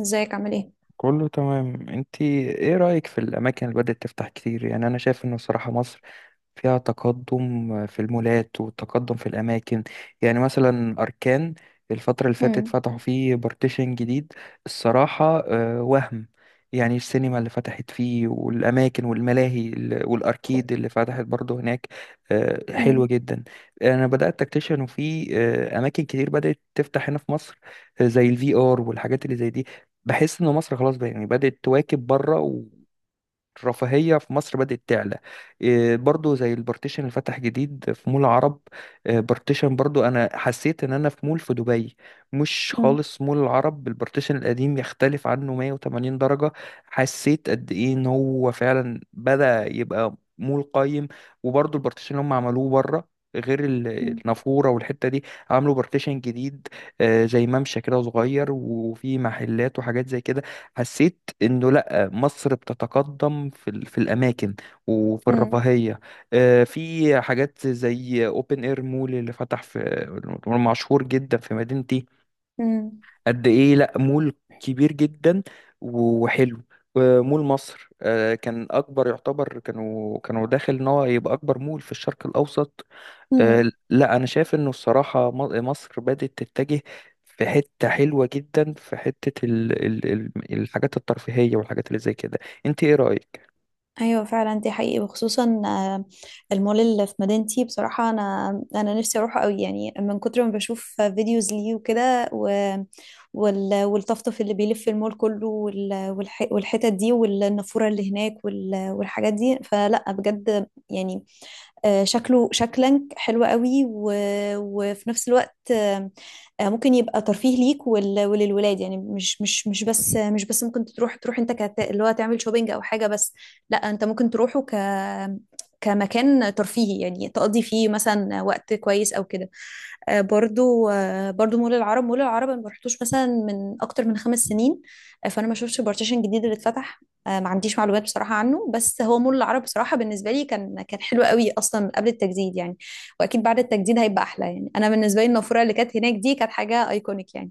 ازيك عامل ايه؟ كله تمام، انتي؟ ايه رأيك في الأماكن اللي بدأت تفتح كتير؟ يعني أنا شايف إنه الصراحة مصر فيها تقدم في المولات وتقدم في الأماكن. يعني مثلا أركان، الفترة اللي فاتت مم. فتحوا فيه بارتيشن جديد. الصراحة وهم، يعني السينما اللي فتحت فيه والأماكن والملاهي والأركيد اللي فتحت برضه هناك حلوة مم. جدا. أنا بدأت أكتشف إنه في أماكن كتير بدأت تفتح هنا في مصر، زي الفي آر والحاجات اللي زي دي. بحس إن مصر خلاص بقى يعني بدأت تواكب بره، الرفاهية في مصر بدأت تعلى. إيه برضو زي البارتيشن اللي فتح جديد في مول العرب، إيه بارتيشن برضو أنا حسيت إن أنا في مول في دبي. مش مم. خالص مول العرب البارتيشن القديم يختلف عنه 180 درجة. حسيت قد إيه إن هو فعلا بدأ يبقى مول قايم. وبرضو البارتيشن اللي هم عملوه بره غير مم. النافورة والحتة دي، عملوا بارتيشن جديد، زي ممشى كده صغير وفي محلات وحاجات زي كده. حسيت انه مصر بتتقدم في الأماكن وفي مم. الرفاهية. في حاجات زي أوبن إير مول اللي فتح في، مشهور جدا في مدينتي. مم. قد إيه، لأ مول كبير جدا وحلو. مول مصر كان أكبر يعتبر، كانوا داخل إن هو يبقى أكبر مول في الشرق الأوسط. آه، مم. لأ أنا شايف إنه الصراحة مصر بدأت تتجه في حتة حلوة جدا، في حتة الحاجات الترفيهية والحاجات اللي زي كده. انت ايه رأيك؟ ايوه فعلا، دي حقيقي وخصوصا المول اللي في مدينتي بصراحه، انا نفسي اروحه قوي يعني من كتر ما بشوف فيديوز ليه وكده والطفطف اللي بيلف المول كله والحتت دي والنافوره اللي هناك والحاجات دي، فلا بجد يعني. شكله شكلا حلو قوي وفي نفس الوقت ممكن يبقى ترفيه ليك وللولاد، يعني مش بس ممكن تروح انت اللي هو تعمل شوبينج او حاجه بس، لا انت ممكن تروحه ك كمكان ترفيهي، يعني تقضي فيه مثلا وقت كويس او كده. برضو برضو مول العرب أنا ما رحتوش مثلا من اكتر من خمس سنين، فانا ما شفتش البارتيشن الجديد اللي اتفتح. ما عنديش معلومات بصراحة عنه، بس هو مول العرب بصراحة بالنسبة لي كان حلو قوي أصلا من قبل التجديد يعني، وأكيد بعد التجديد هيبقى أحلى. يعني أنا بالنسبة لي النافورة اللي كانت هناك دي كانت حاجة أيكونيك يعني.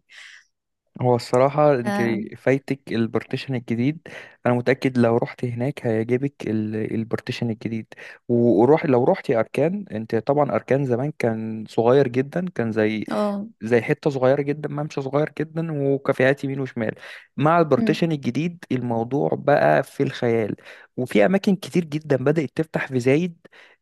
هو الصراحة انت اه. فايتك البارتيشن الجديد. انا متأكد لو رحت هناك هيعجبك البارتيشن الجديد. وروح، لو رحتي اركان. انت طبعا اركان زمان كان صغير جدا، كان زي آه. حتة صغيرة جدا، ممشى صغير جدا وكافيهات يمين وشمال. مع مم. البارتيشن الجديد الموضوع بقى في الخيال. وفي أماكن كتير جدا بدأت تفتح في زايد،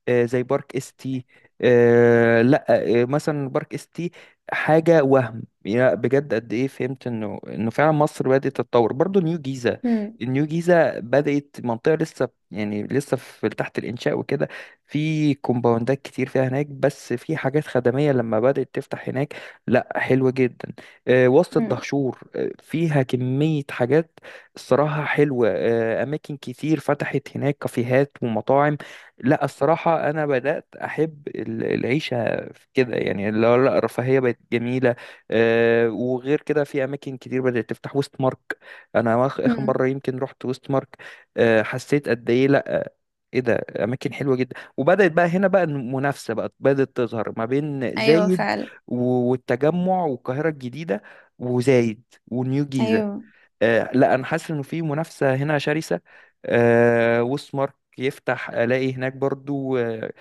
زي بارك اس تي. آه، لا آه، مثلا بارك اس تي، حاجة وهم يا بجد. قد ايه فهمت انه فعلا مصر بدأت تتطور. برضو نيو جيزة، مم. النيو جيزة بدأت منطقة لسه، يعني لسه في تحت الإنشاء وكده. في كومباوندات كتير فيها هناك، بس في حاجات خدمية لما بدأت تفتح هناك لا حلوة جدا. وسط مم. الدهشور فيها كمية حاجات الصراحة حلوة. أماكن كتير فتحت هناك، كافيهات ومطاعم. لا الصراحة أنا بدأت أحب العيشة في كده، يعني اللي هو لا الرفاهية بقت جميلة. وغير كده في أماكن كتير بدأت تفتح، ويست مارك. أنا آخر مم. مرة يمكن رحت ويست مارك حسيت قد إيه، لا ايه ده، اماكن حلوه جدا. وبدات بقى هنا بقى المنافسه بقى بدات تظهر ما بين أيوه زايد فعلا. والتجمع والقاهرة الجديدة، وزايد ونيو جيزة. أيوه. آه لا أنا حاسس إنه في منافسة هنا شرسة. آه وسمارك يفتح ألاقي هناك برضو آه،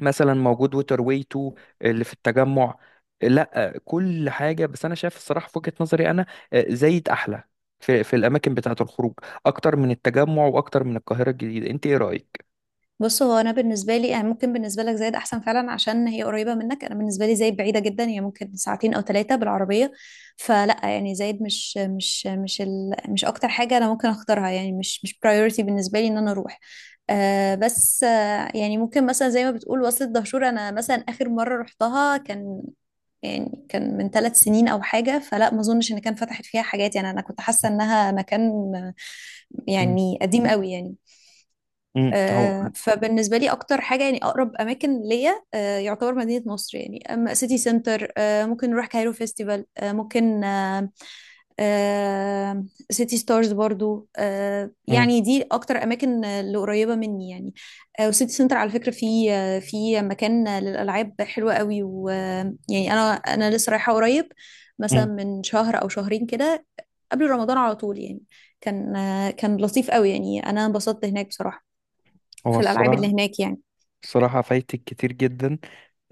مثلا موجود ووتر واي 2 اللي في التجمع. لا آه، لا، كل حاجة. بس أنا شايف الصراحة في وجهة نظري أنا آه زايد أحلى في الأماكن بتاعة الخروج، أكتر من التجمع وأكتر من القاهرة الجديدة. أنت إيه رأيك؟ بص، هو انا بالنسبه لي يعني ممكن بالنسبه لك زايد احسن فعلا عشان هي قريبه منك، انا بالنسبه لي زايد بعيده جدا، هي ممكن ساعتين او ثلاثه بالعربيه، فلا يعني زايد مش اكتر حاجه انا ممكن اختارها، يعني مش برايورتي بالنسبه لي ان انا اروح. بس يعني ممكن مثلا زي ما بتقول وصلة دهشور، انا مثلا اخر مره رحتها كان يعني كان من ثلاث سنين او حاجه، فلا ما اظنش ان كان فتحت فيها حاجات، يعني انا كنت حاسه انها مكان آه، مم. يعني قديم قوي يعني. مم. هو فبالنسبة لي أكتر حاجة يعني أقرب أماكن ليا يعتبر مدينة نصر، يعني أما سيتي سنتر ممكن نروح كايرو فيستيفال، آه، ممكن آه، آه، سيتي ستارز برضو، مم. يعني دي أكتر أماكن اللي قريبة مني يعني. وسيتي سنتر على فكرة في في مكان للألعاب حلوة قوي، ويعني أنا لسه رايحة قريب، مثلا مم. من شهر أو شهرين كده، قبل رمضان على طول يعني. كان كان لطيف قوي، يعني أنا انبسطت هناك بصراحة، هو في الالعاب اللي الصراحة هناك يعني. الصراحة فايتك كتير جدا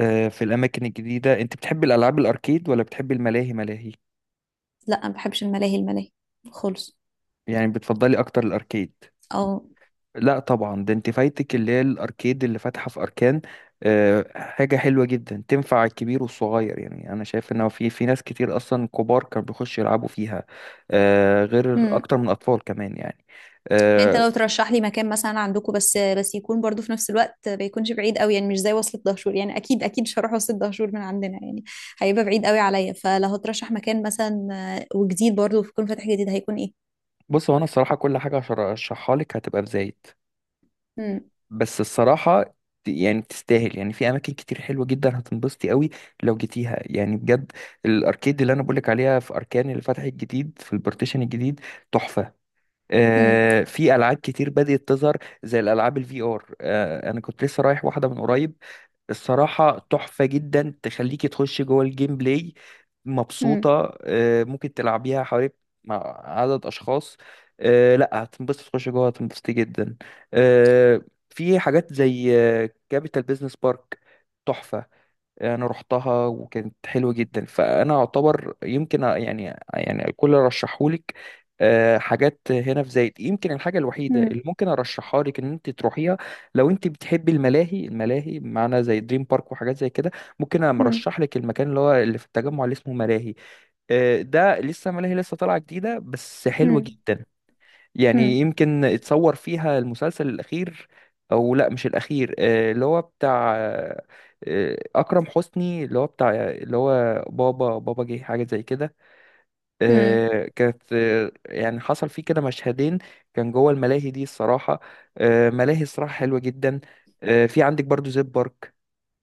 في الأماكن الجديدة. أنت بتحبي الألعاب الأركيد ولا بتحبي الملاهي؟ لا ما بحبش الملاهي خالص. يعني بتفضلي أكتر الأركيد؟ او. لا طبعا، ده أنت فايتك اللي هي الأركيد اللي فاتحة في أركان. حاجة حلوة جدا، تنفع الكبير والصغير. يعني أنا شايف إن هو في ناس كتير أصلا كبار كانوا بيخشوا يلعبوا فيها غير امم. أكتر من أطفال كمان يعني. انت آه، لو ترشح لي مكان مثلا عندكم، بس يكون برضو في نفس الوقت ما يكونش بعيد قوي، يعني مش زي وصلة دهشور، يعني اكيد مش هروح وصلة دهشور من عندنا يعني، هيبقى بعيد قوي عليا. فلو هترشح مكان مثلا وجديد برضو يكون فاتح جديد، هيكون ايه؟ بص، هو أنا الصراحة كل حاجة هشرحها لك هتبقى بزايد، امم. بس الصراحة يعني تستاهل. يعني في أماكن كتير حلوة جدا هتنبسطي قوي لو جيتيها يعني بجد. الأركيد اللي أنا بقولك عليها في أركان اللي فتحت جديد في البارتيشن الجديد، تحفة. امم. آه، في ألعاب كتير بدأت تظهر زي الألعاب الفي آر. آه أنا كنت لسه رايح واحدة من قريب، الصراحة تحفة جدا. تخليكي تخشي جوه الجيم بلاي امم. مبسوطة. ممكن تلعبيها حوالي مع عدد أشخاص. لا هتنبسط تخشي جوه، هتنبسطي جدا. آه، في حاجات زي كابيتال بيزنس بارك، تحفة. انا رحتها وكانت حلوه جدا، فانا اعتبر يمكن يعني، يعني الكل رشحهولك. حاجات هنا في زايد، يمكن الحاجه الوحيده امم. اللي ممكن ارشحها لك ان انت تروحيها لو انت بتحبي الملاهي معنا زي دريم بارك وحاجات زي كده. ممكن انا امم. ارشح لك المكان اللي هو اللي في التجمع اللي اسمه ملاهي. ده لسه ملاهي لسه طالعه جديده بس حلوه امم. جدا. يعني امم. يمكن اتصور فيها المسلسل الأخير، أو لا مش الأخير، آه، اللي هو بتاع آه، آه، أكرم حسني اللي هو بتاع اللي هو بابا بابا جه، حاجة زي كده. امم. آه، كانت آه، يعني حصل فيه كده مشهدين كان جوه الملاهي دي الصراحة. ملاهي الصراحة حلوة جدا. في عندك برضو زيب بارك،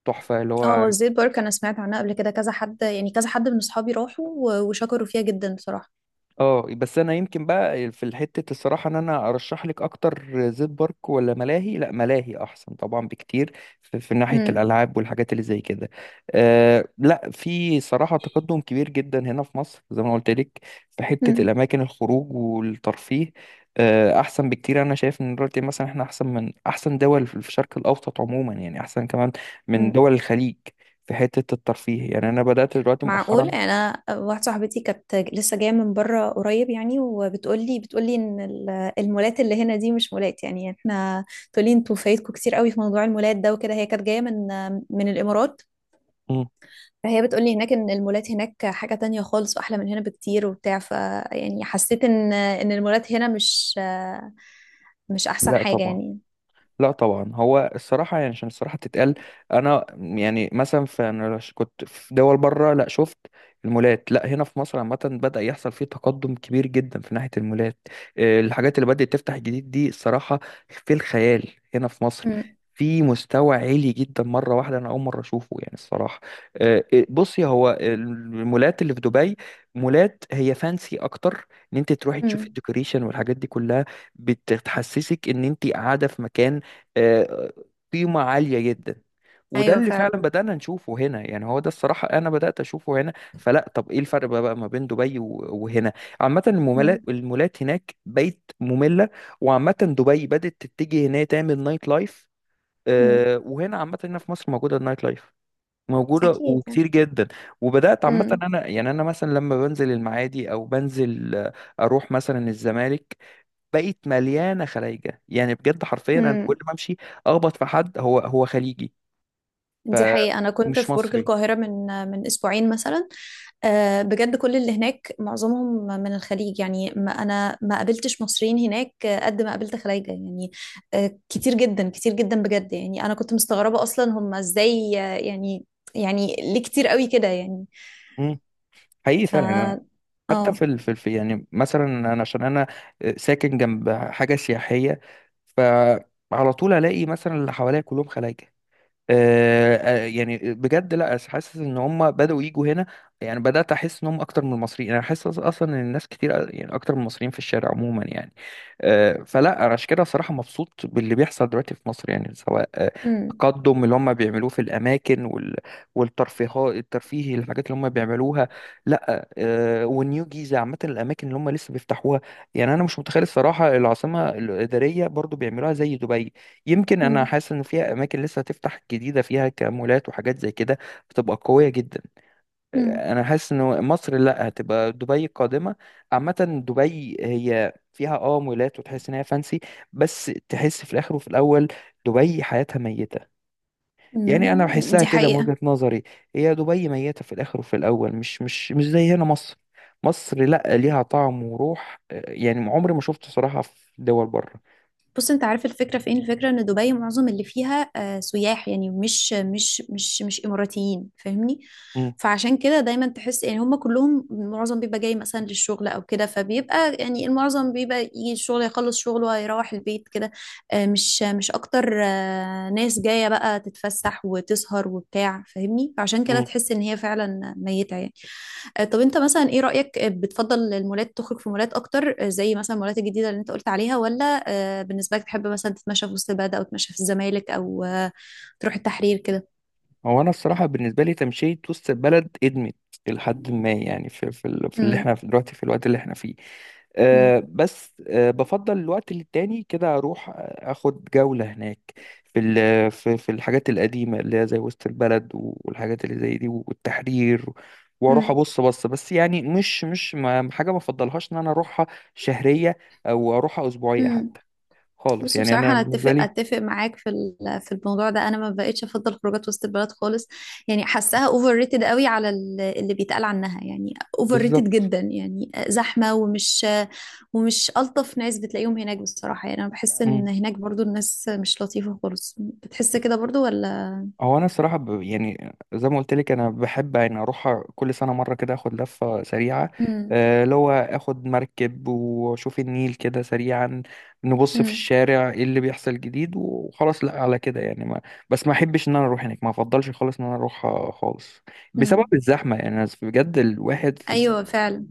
تحفة اللي هو. اه، زيت بارك انا سمعت عنها قبل كده كذا حد، يعني كذا حد من اصحابي راحوا وشكروا فيها جدا بصراحة. اه بس انا يمكن بقى في حته الصراحه ان انا ارشح لك اكتر زيت بارك ولا ملاهي، لا ملاهي احسن طبعا بكتير في ناحيه الالعاب والحاجات اللي زي كده. أه لا، في صراحه تقدم كبير جدا هنا في مصر زي ما قلت لك في حته امم. الاماكن الخروج والترفيه. أه احسن بكتير. انا شايف ان دلوقتي مثلا احنا احسن من احسن دول في الشرق الاوسط عموما، يعني احسن كمان من دول الخليج في حته الترفيه. يعني انا بدات دلوقتي مؤخرا. معقول؟ انا واحده صاحبتي كانت لسه جايه من بره قريب يعني، وبتقولي ان المولات اللي هنا دي مش مولات يعني، احنا تقولي انتوا فايتكم كتير قوي في موضوع المولات ده وكده. هي كانت جايه من الامارات، مم. فهي بتقولي هناك ان المولات هناك حاجه تانية خالص واحلى من هنا بكتير وبتاع. ف يعني حسيت ان المولات هنا مش احسن لا حاجه طبعا. يعني. لا طبعا، هو الصراحة يعني عشان الصراحة تتقال. أنا يعني مثلا في، أنا كنت في دول بره لا شفت المولات، لا هنا في مصر عامة بدأ يحصل فيه تقدم كبير جدا في ناحية المولات. الحاجات اللي بدأت تفتح جديد دي الصراحة في الخيال هنا في مصر، امم. في مستوى عالي جدا مرة واحدة. أنا أول مرة أشوفه يعني الصراحة. بصي، هو المولات اللي في دبي مولات هي فانسي أكتر، إن أنت تروحي تشوفي امم. الديكوريشن والحاجات دي كلها. بتحسسك إن أنت قاعدة في مكان آه، قيمة عالية جدا. وده ايوه اللي فعلا. فعلا بدأنا نشوفه هنا، يعني هو ده الصراحة أنا بدأت أشوفه هنا. فلا طب إيه الفرق بقى ما بين دبي وهنا. عامة المولات امم. المولات هناك بقت مملة، وعامة دبي بدأت تتجه إن هي تعمل نايت لايف. امم. وهنا عامة هنا في مصر موجودة النايت لايف، موجودة اكيد يعني. وكتير جدا. وبدأت عامة، أنا يعني أنا مثلا لما بنزل المعادي أو بنزل أروح مثلا الزمالك، بقت مليانه خلايجه. يعني بجد حرفيا انا كل امم. ما امشي اخبط في حد هو خليجي، دي حقيقة، أنا كنت فمش في برج مصري. القاهرة من أسبوعين مثلا. بجد كل اللي هناك معظمهم من الخليج، يعني ما أنا ما قابلتش مصريين هناك قد ما قابلت خلايجة يعني، كتير جدا كتير جدا بجد يعني، أنا كنت مستغربة أصلا هم إزاي يعني ليه كتير قوي كده يعني؟ مم. حقيقي ف فعلا. أنا حتى اه في الف، يعني مثلا انا عشان انا ساكن جنب حاجه سياحيه، فعلى طول الاقي مثلا اللي حواليا كلهم خلايجه. يعني بجد لا حاسس ان هم بداوا يجوا هنا. يعني بدات احس ان هم اكتر من المصريين. انا حاسس اصلا ان الناس كتير يعني اكتر من المصريين في الشارع عموما يعني. فلا انا عشان كده صراحه مبسوط باللي بيحصل دلوقتي في مصر، يعني سواء أمم. التقدم اللي هم بيعملوه في الاماكن والترفيه، الحاجات اللي هم بيعملوها. لا والنيو جيزه عامه، الاماكن اللي هم لسه بيفتحوها. يعني انا مش متخيل الصراحه. العاصمه الاداريه برضو بيعملوها زي دبي. يمكن انا أمم. حاسس ان فيها اماكن لسه هتفتح جديده فيها كمولات وحاجات زي كده، بتبقى قويه جدا. أمم. انا حاسس ان مصر لا هتبقى دبي القادمه عامه. دبي هي فيها اه مولات وتحس ان هي فانسي، بس تحس في الاخر وفي الاول دبي حياتها ميته. يعني انا أمم. بحسها دي كده من حقيقة. وجهه نظري، هي دبي ميته في الاخر وفي الاول، مش زي هنا مصر. مصر لا ليها طعم وروح. يعني عمري ما شفت صراحه في دول بره. بص، انت عارف الفكره فين؟ الفكره ان دبي معظم اللي فيها سياح يعني، مش اماراتيين، فاهمني؟ فعشان كده دايما تحس يعني هم كلهم معظم بيبقى جاي مثلا للشغل او كده، فبيبقى يعني المعظم بيبقى يجي الشغل يخلص شغله ويروح البيت كده، مش اكتر ناس جايه بقى تتفسح وتسهر وبتاع فاهمني، فعشان كده تحس ان هي فعلا ميته يعني. طب انت مثلا ايه رأيك؟ بتفضل المولات، تخرج في مولات اكتر زي مثلا المولات الجديدة اللي انت قلت عليها، ولا بالنسبة لك تحب مثلا تتمشى في وسط البلد، او تتمشى في الزمالك، او تروح التحرير كده؟ هو انا الصراحه بالنسبه لي تمشيه وسط البلد ادمت، لحد ما يعني في اللي امم. احنا في دلوقتي في الوقت اللي احنا فيه. أه بس أه بفضل الوقت للتاني كده اروح اخد جوله هناك في ال- في في الحاجات القديمه اللي هي زي وسط البلد والحاجات اللي زي دي والتحرير، واروح امم. ابص بس. يعني مش مش ما حاجه ما افضلهاش ان انا اروحها شهريه، او اروحها اسبوعيه امم. حتى خالص، بص، يعني بصراحة انا أنا بالنسبه أتفق لي. أتفق معاك في في الموضوع ده، أنا ما بقتش أفضل خروجات وسط البلد خالص، يعني حاساها أوفر ريتد قوي على اللي بيتقال عنها يعني، أوفر ريتد بالظبط. جدا، يعني زحمة، ومش ألطف ناس بتلاقيهم هناك بصراحة، يعني أنا بحس إن هناك برضو الناس مش لطيفة خالص. بتحس كده برضو ولا؟ هو انا الصراحه يعني زي ما قلت لك انا بحب، يعني اروح كل سنه مره كده اخد لفه سريعه مم. اللي هو اخد مركب واشوف النيل كده سريعا، نبص في مم. الشارع ايه اللي بيحصل جديد وخلاص. لا على كده يعني ما... بس ما احبش ان انا اروح هناك. ما افضلش خالص ان انا اروح خالص بسبب مم. الزحمه، يعني بجد الواحد في. أيوة فعلا.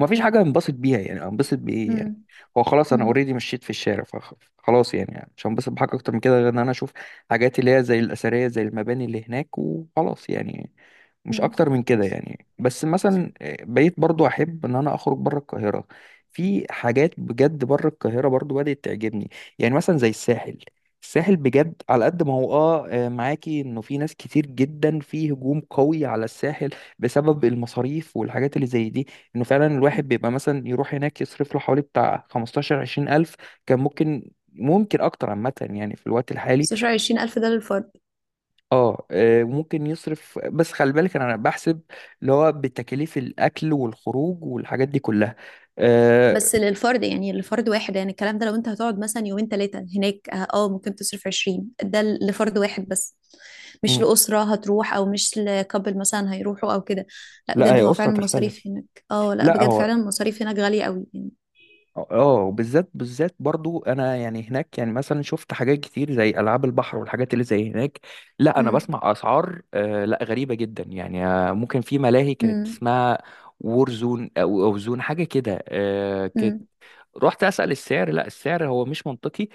ومفيش حاجة انبسط بيها، يعني انبسط بإيه؟ يعني مم. هو خلاص أنا مم. أوريدي مشيت في الشارع، فخلاص يعني مش هنبسط بحاجة أكتر من كده غير إن أنا أشوف حاجات اللي هي زي الأثرية، زي المباني اللي هناك وخلاص. يعني مش مم. اكتر من كده يعني. بس مثلا بقيت برضو احب ان انا اخرج بره القاهره. في حاجات بجد بره القاهره برضو بدات تعجبني، يعني مثلا زي الساحل. الساحل بجد على قد ما هو اه معاكي انه في ناس كتير جدا في هجوم قوي على الساحل بسبب المصاريف والحاجات اللي زي دي، انه فعلا مم. الواحد بيبقى مثلا يروح هناك يصرف له حوالي بتاع 15 20 الف، كان ممكن اكتر عامه يعني في الوقت الحالي. 16,000 ده للفرد؟ اه ممكن يصرف، بس خلي بالك انا بحسب اللي هو بتكاليف الاكل والخروج والحاجات دي كلها. آه، بس للفرد يعني، لفرد واحد يعني الكلام ده، لو انت هتقعد مثلا يومين ثلاثة هناك، ممكن تصرف 20، ده لفرد واحد بس، مش مم. لأسرة هتروح، او مش لكابل مثلا هيروحوا او كده. لا لا بجد هي هو أسرة فعلا المصاريف تختلف. هناك، اه لا لا بجد فعلا هو، المصاريف هناك غالية قوي يعني. اه وبالذات برضو انا يعني هناك يعني مثلا شفت حاجات كتير زي العاب البحر والحاجات اللي زي هناك. لا انا امم. بسمع اسعار آه لا غريبة جدا يعني. ممكن في ملاهي كانت اسمها وورزون او أو زون، حاجة كده آه كانت. امم. رحت اسأل السعر لا السعر هو مش منطقي.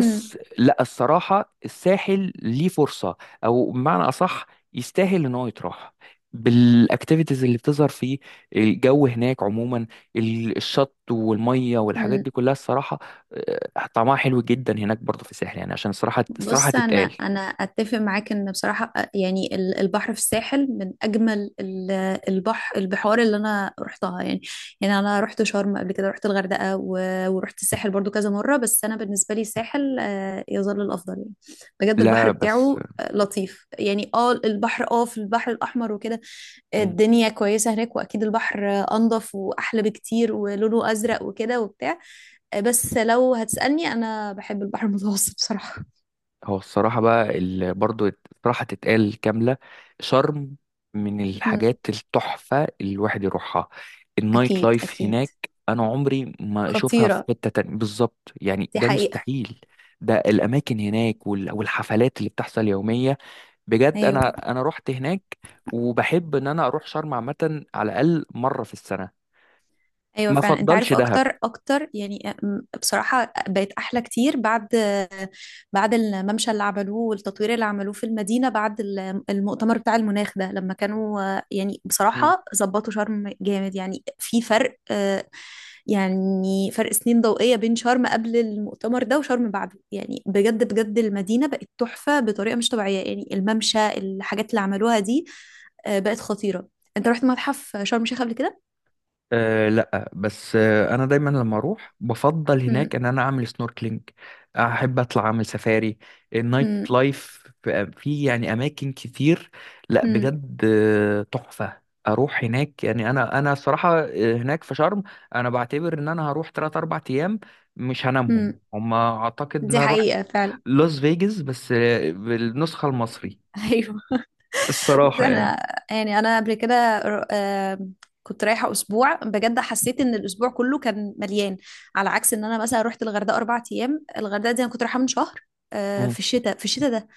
امم. لا الصراحة الساحل ليه فرصة، أو بمعنى أصح يستاهل إن هو يتراح بالاكتيفيتيز اللي بتظهر فيه. الجو هناك عموما، الشط والميه والحاجات دي كلها الصراحه طعمها حلو جدا هناك برضه في الساحل، يعني عشان الصراحه الصراحه بص انا، تتقال. اتفق معاك ان بصراحه يعني البحر في الساحل من اجمل البحر، البحار اللي انا رحتها يعني. يعني انا رحت شرم قبل كده، رحت الغردقه ورحت الساحل برضو كذا مره، بس انا بالنسبه لي الساحل يظل الافضل يعني، بجد البحر لا بس بتاعه لطيف يعني. اه البحر اه في البحر الاحمر وكده الدنيا كويسه هناك، واكيد البحر انضف واحلى بكتير ولونه ازرق وكده وبتاع، بس لو هتسالني انا بحب البحر المتوسط بصراحه. هو الصراحة بقى برضو الصراحة تتقال كاملة. شرم من الحاجات التحفة اللي الواحد يروحها. النايت اكيد لايف اكيد. هناك، أنا عمري ما أشوفها خطيره. في حتة تانية بالظبط يعني، دي ده حقيقه. مستحيل. ده الأماكن هناك والحفلات اللي بتحصل يومية، بجد. ايوه. أنا رحت هناك، وبحب إن أنا أروح شرم عامة على الأقل مرة في السنة. ايوه ما فعلا، انت أفضلش عارف دهب. اكتر يعني بصراحه بقت احلى كتير بعد الممشى اللي عملوه والتطوير اللي عملوه في المدينة بعد المؤتمر بتاع المناخ ده، لما كانوا يعني بصراحة ظبطوا شرم جامد يعني، في فرق يعني فرق سنين ضوئية بين شرم قبل المؤتمر ده وشرم بعده يعني، بجد بجد المدينة بقت تحفة بطريقة مش طبيعية، يعني الممشى الحاجات اللي عملوها دي بقت خطيرة. انت رحت متحف شرم الشيخ قبل كده؟ أه لا بس أه انا دايما لما اروح بفضل هناك مم. ان انا اعمل سنوركلينج، احب اطلع اعمل سفاري. مم. النايت لايف في يعني اماكن كتير، لا مم. بجد تحفة. اروح هناك يعني، انا الصراحة هناك في شرم انا بعتبر ان انا هروح 3 4 ايام مش هنامهم مم. هما، اعتقد ان دي انا اروح حقيقة فعلا. لاس فيجاس بس بالنسخة المصري ايوه، بس الصراحة يعني. احنا يعني انا قبل كده ر- آم، كنت رايحة أسبوع، بجد حسيت إن الأسبوع كله كان مليان، على عكس إن أنا مثلا رحت الغردقة أربع أيام، الغردقة دي أنا كنت رايحة من شهر، آه، مم. في الشتاء في الشتاء ده.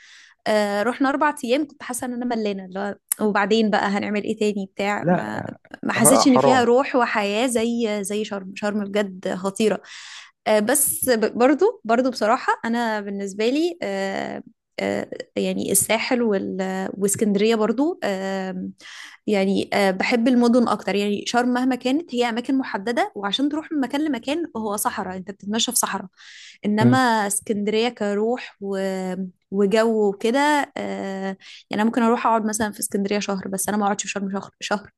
رحنا أربع أيام، كنت حاسة إن أنا ملانة، اللي هو وبعدين بقى هنعمل إيه تاني بتاع ما، لا ما حرام حسيتش إن فيها حرام. روح وحياة زي شرم. بجد خطيرة. بس برضو بصراحة أنا بالنسبة لي آه، يعني الساحل واسكندرية برضو يعني بحب المدن اكتر، يعني شرم مهما كانت هي اماكن محددة، وعشان تروح من مكان لمكان هو صحراء، انت بتتمشى في صحراء، انما اسكندرية كروح وجو وكده يعني انا ممكن اروح اقعد مثلا في اسكندرية شهر، بس انا ما اقعدش في شرم شهر.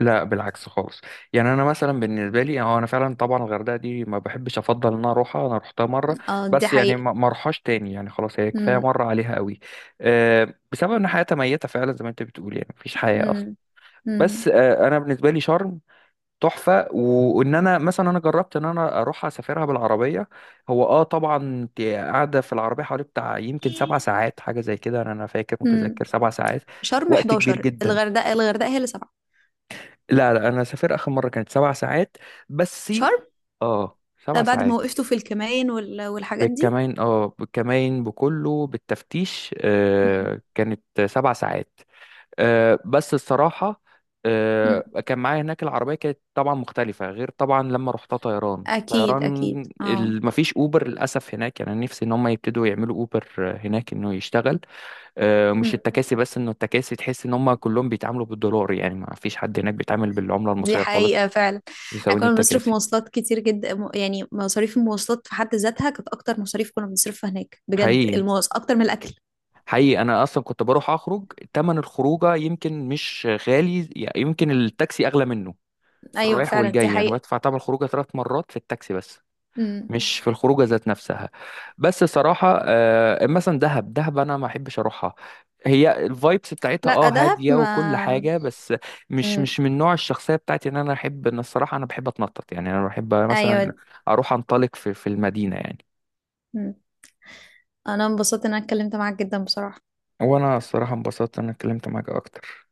لا بالعكس خالص. يعني انا مثلا بالنسبه لي، هو انا فعلا طبعا الغردقه دي ما بحبش افضل ان انا اروحها، انا روحتها مره اه دي بس، يعني حقيقة. ما اروحهاش تاني يعني خلاص هي كفايه مم. مره عليها قوي. أه بسبب ان حياتها ميته فعلا زي ما انت بتقول، يعني مفيش حياه اصلا. مم. مم. بس أه انا بالنسبه لي شرم تحفه، وان انا مثلا انا جربت ان انا اروح اسافرها بالعربيه. هو اه طبعا انت قاعده في العربيه حوالي بتاع يمكن سبع ساعات حاجه زي كده. أنا فاكر متذكر مم. سبع ساعات، شرم وقت كبير 11، جدا. الغردقة هي اللي سبعة. لا انا سافر اخر مره كانت سبع ساعات بس. شرم اه لا، سبع بعد ما ساعات وقفتوا في الكمائن والحاجات دي. بالكمين، اه بالكمين بكله بالتفتيش مم. آه، كانت سبع ساعات. بس الصراحه مم. آه كان معايا هناك العربيه، كانت طبعا مختلفه غير طبعا لما رحتها طيران اكيد اكيد اه. مفيش اوبر للاسف هناك، يعني أنا نفسي ان هم يبتدوا يعملوا اوبر هناك انه يشتغل. مش مم. التكاسي بس، انه التكاسي تحس ان هم كلهم بيتعاملوا بالدولار، يعني ما فيش حد هناك بيتعامل بالعملة دي المصرية خالص. حقيقة فعلا. احنا بيساويني كنا بنصرف التكاسي. مواصلات كتير جدا، يعني مصاريف المواصلات في حد ذاتها كانت اكتر مصاريف كنا بنصرفها هناك، بجد حقيقي، المواص اكتر من الاكل. حقيقي. انا اصلا كنت بروح اخرج، تمن الخروجه يمكن مش غالي يعني، يمكن التاكسي اغلى منه. في ايوه الرايح فعلا دي والجاي انا حقيقة. بدفع تمن الخروجه ثلاث مرات في التاكسي بس، مم. مش في الخروجه ذات نفسها. بس صراحه مثلا دهب انا ما احبش اروحها، هي الفايبس بتاعتها لا اه دهب هاديه وكل ما. حاجه بس، مش مم. من نوع الشخصيه بتاعتي ان انا احب. ان الصراحه انا بحب اتنطط يعني، انا بحب ايوه. مثلا اروح انطلق في المدينه يعني. مم. انا انبسطت ان انا اتكلمت معاك جدا بصراحة. وانا الصراحه انبسطت ان انا اتكلمت معاك اكتر.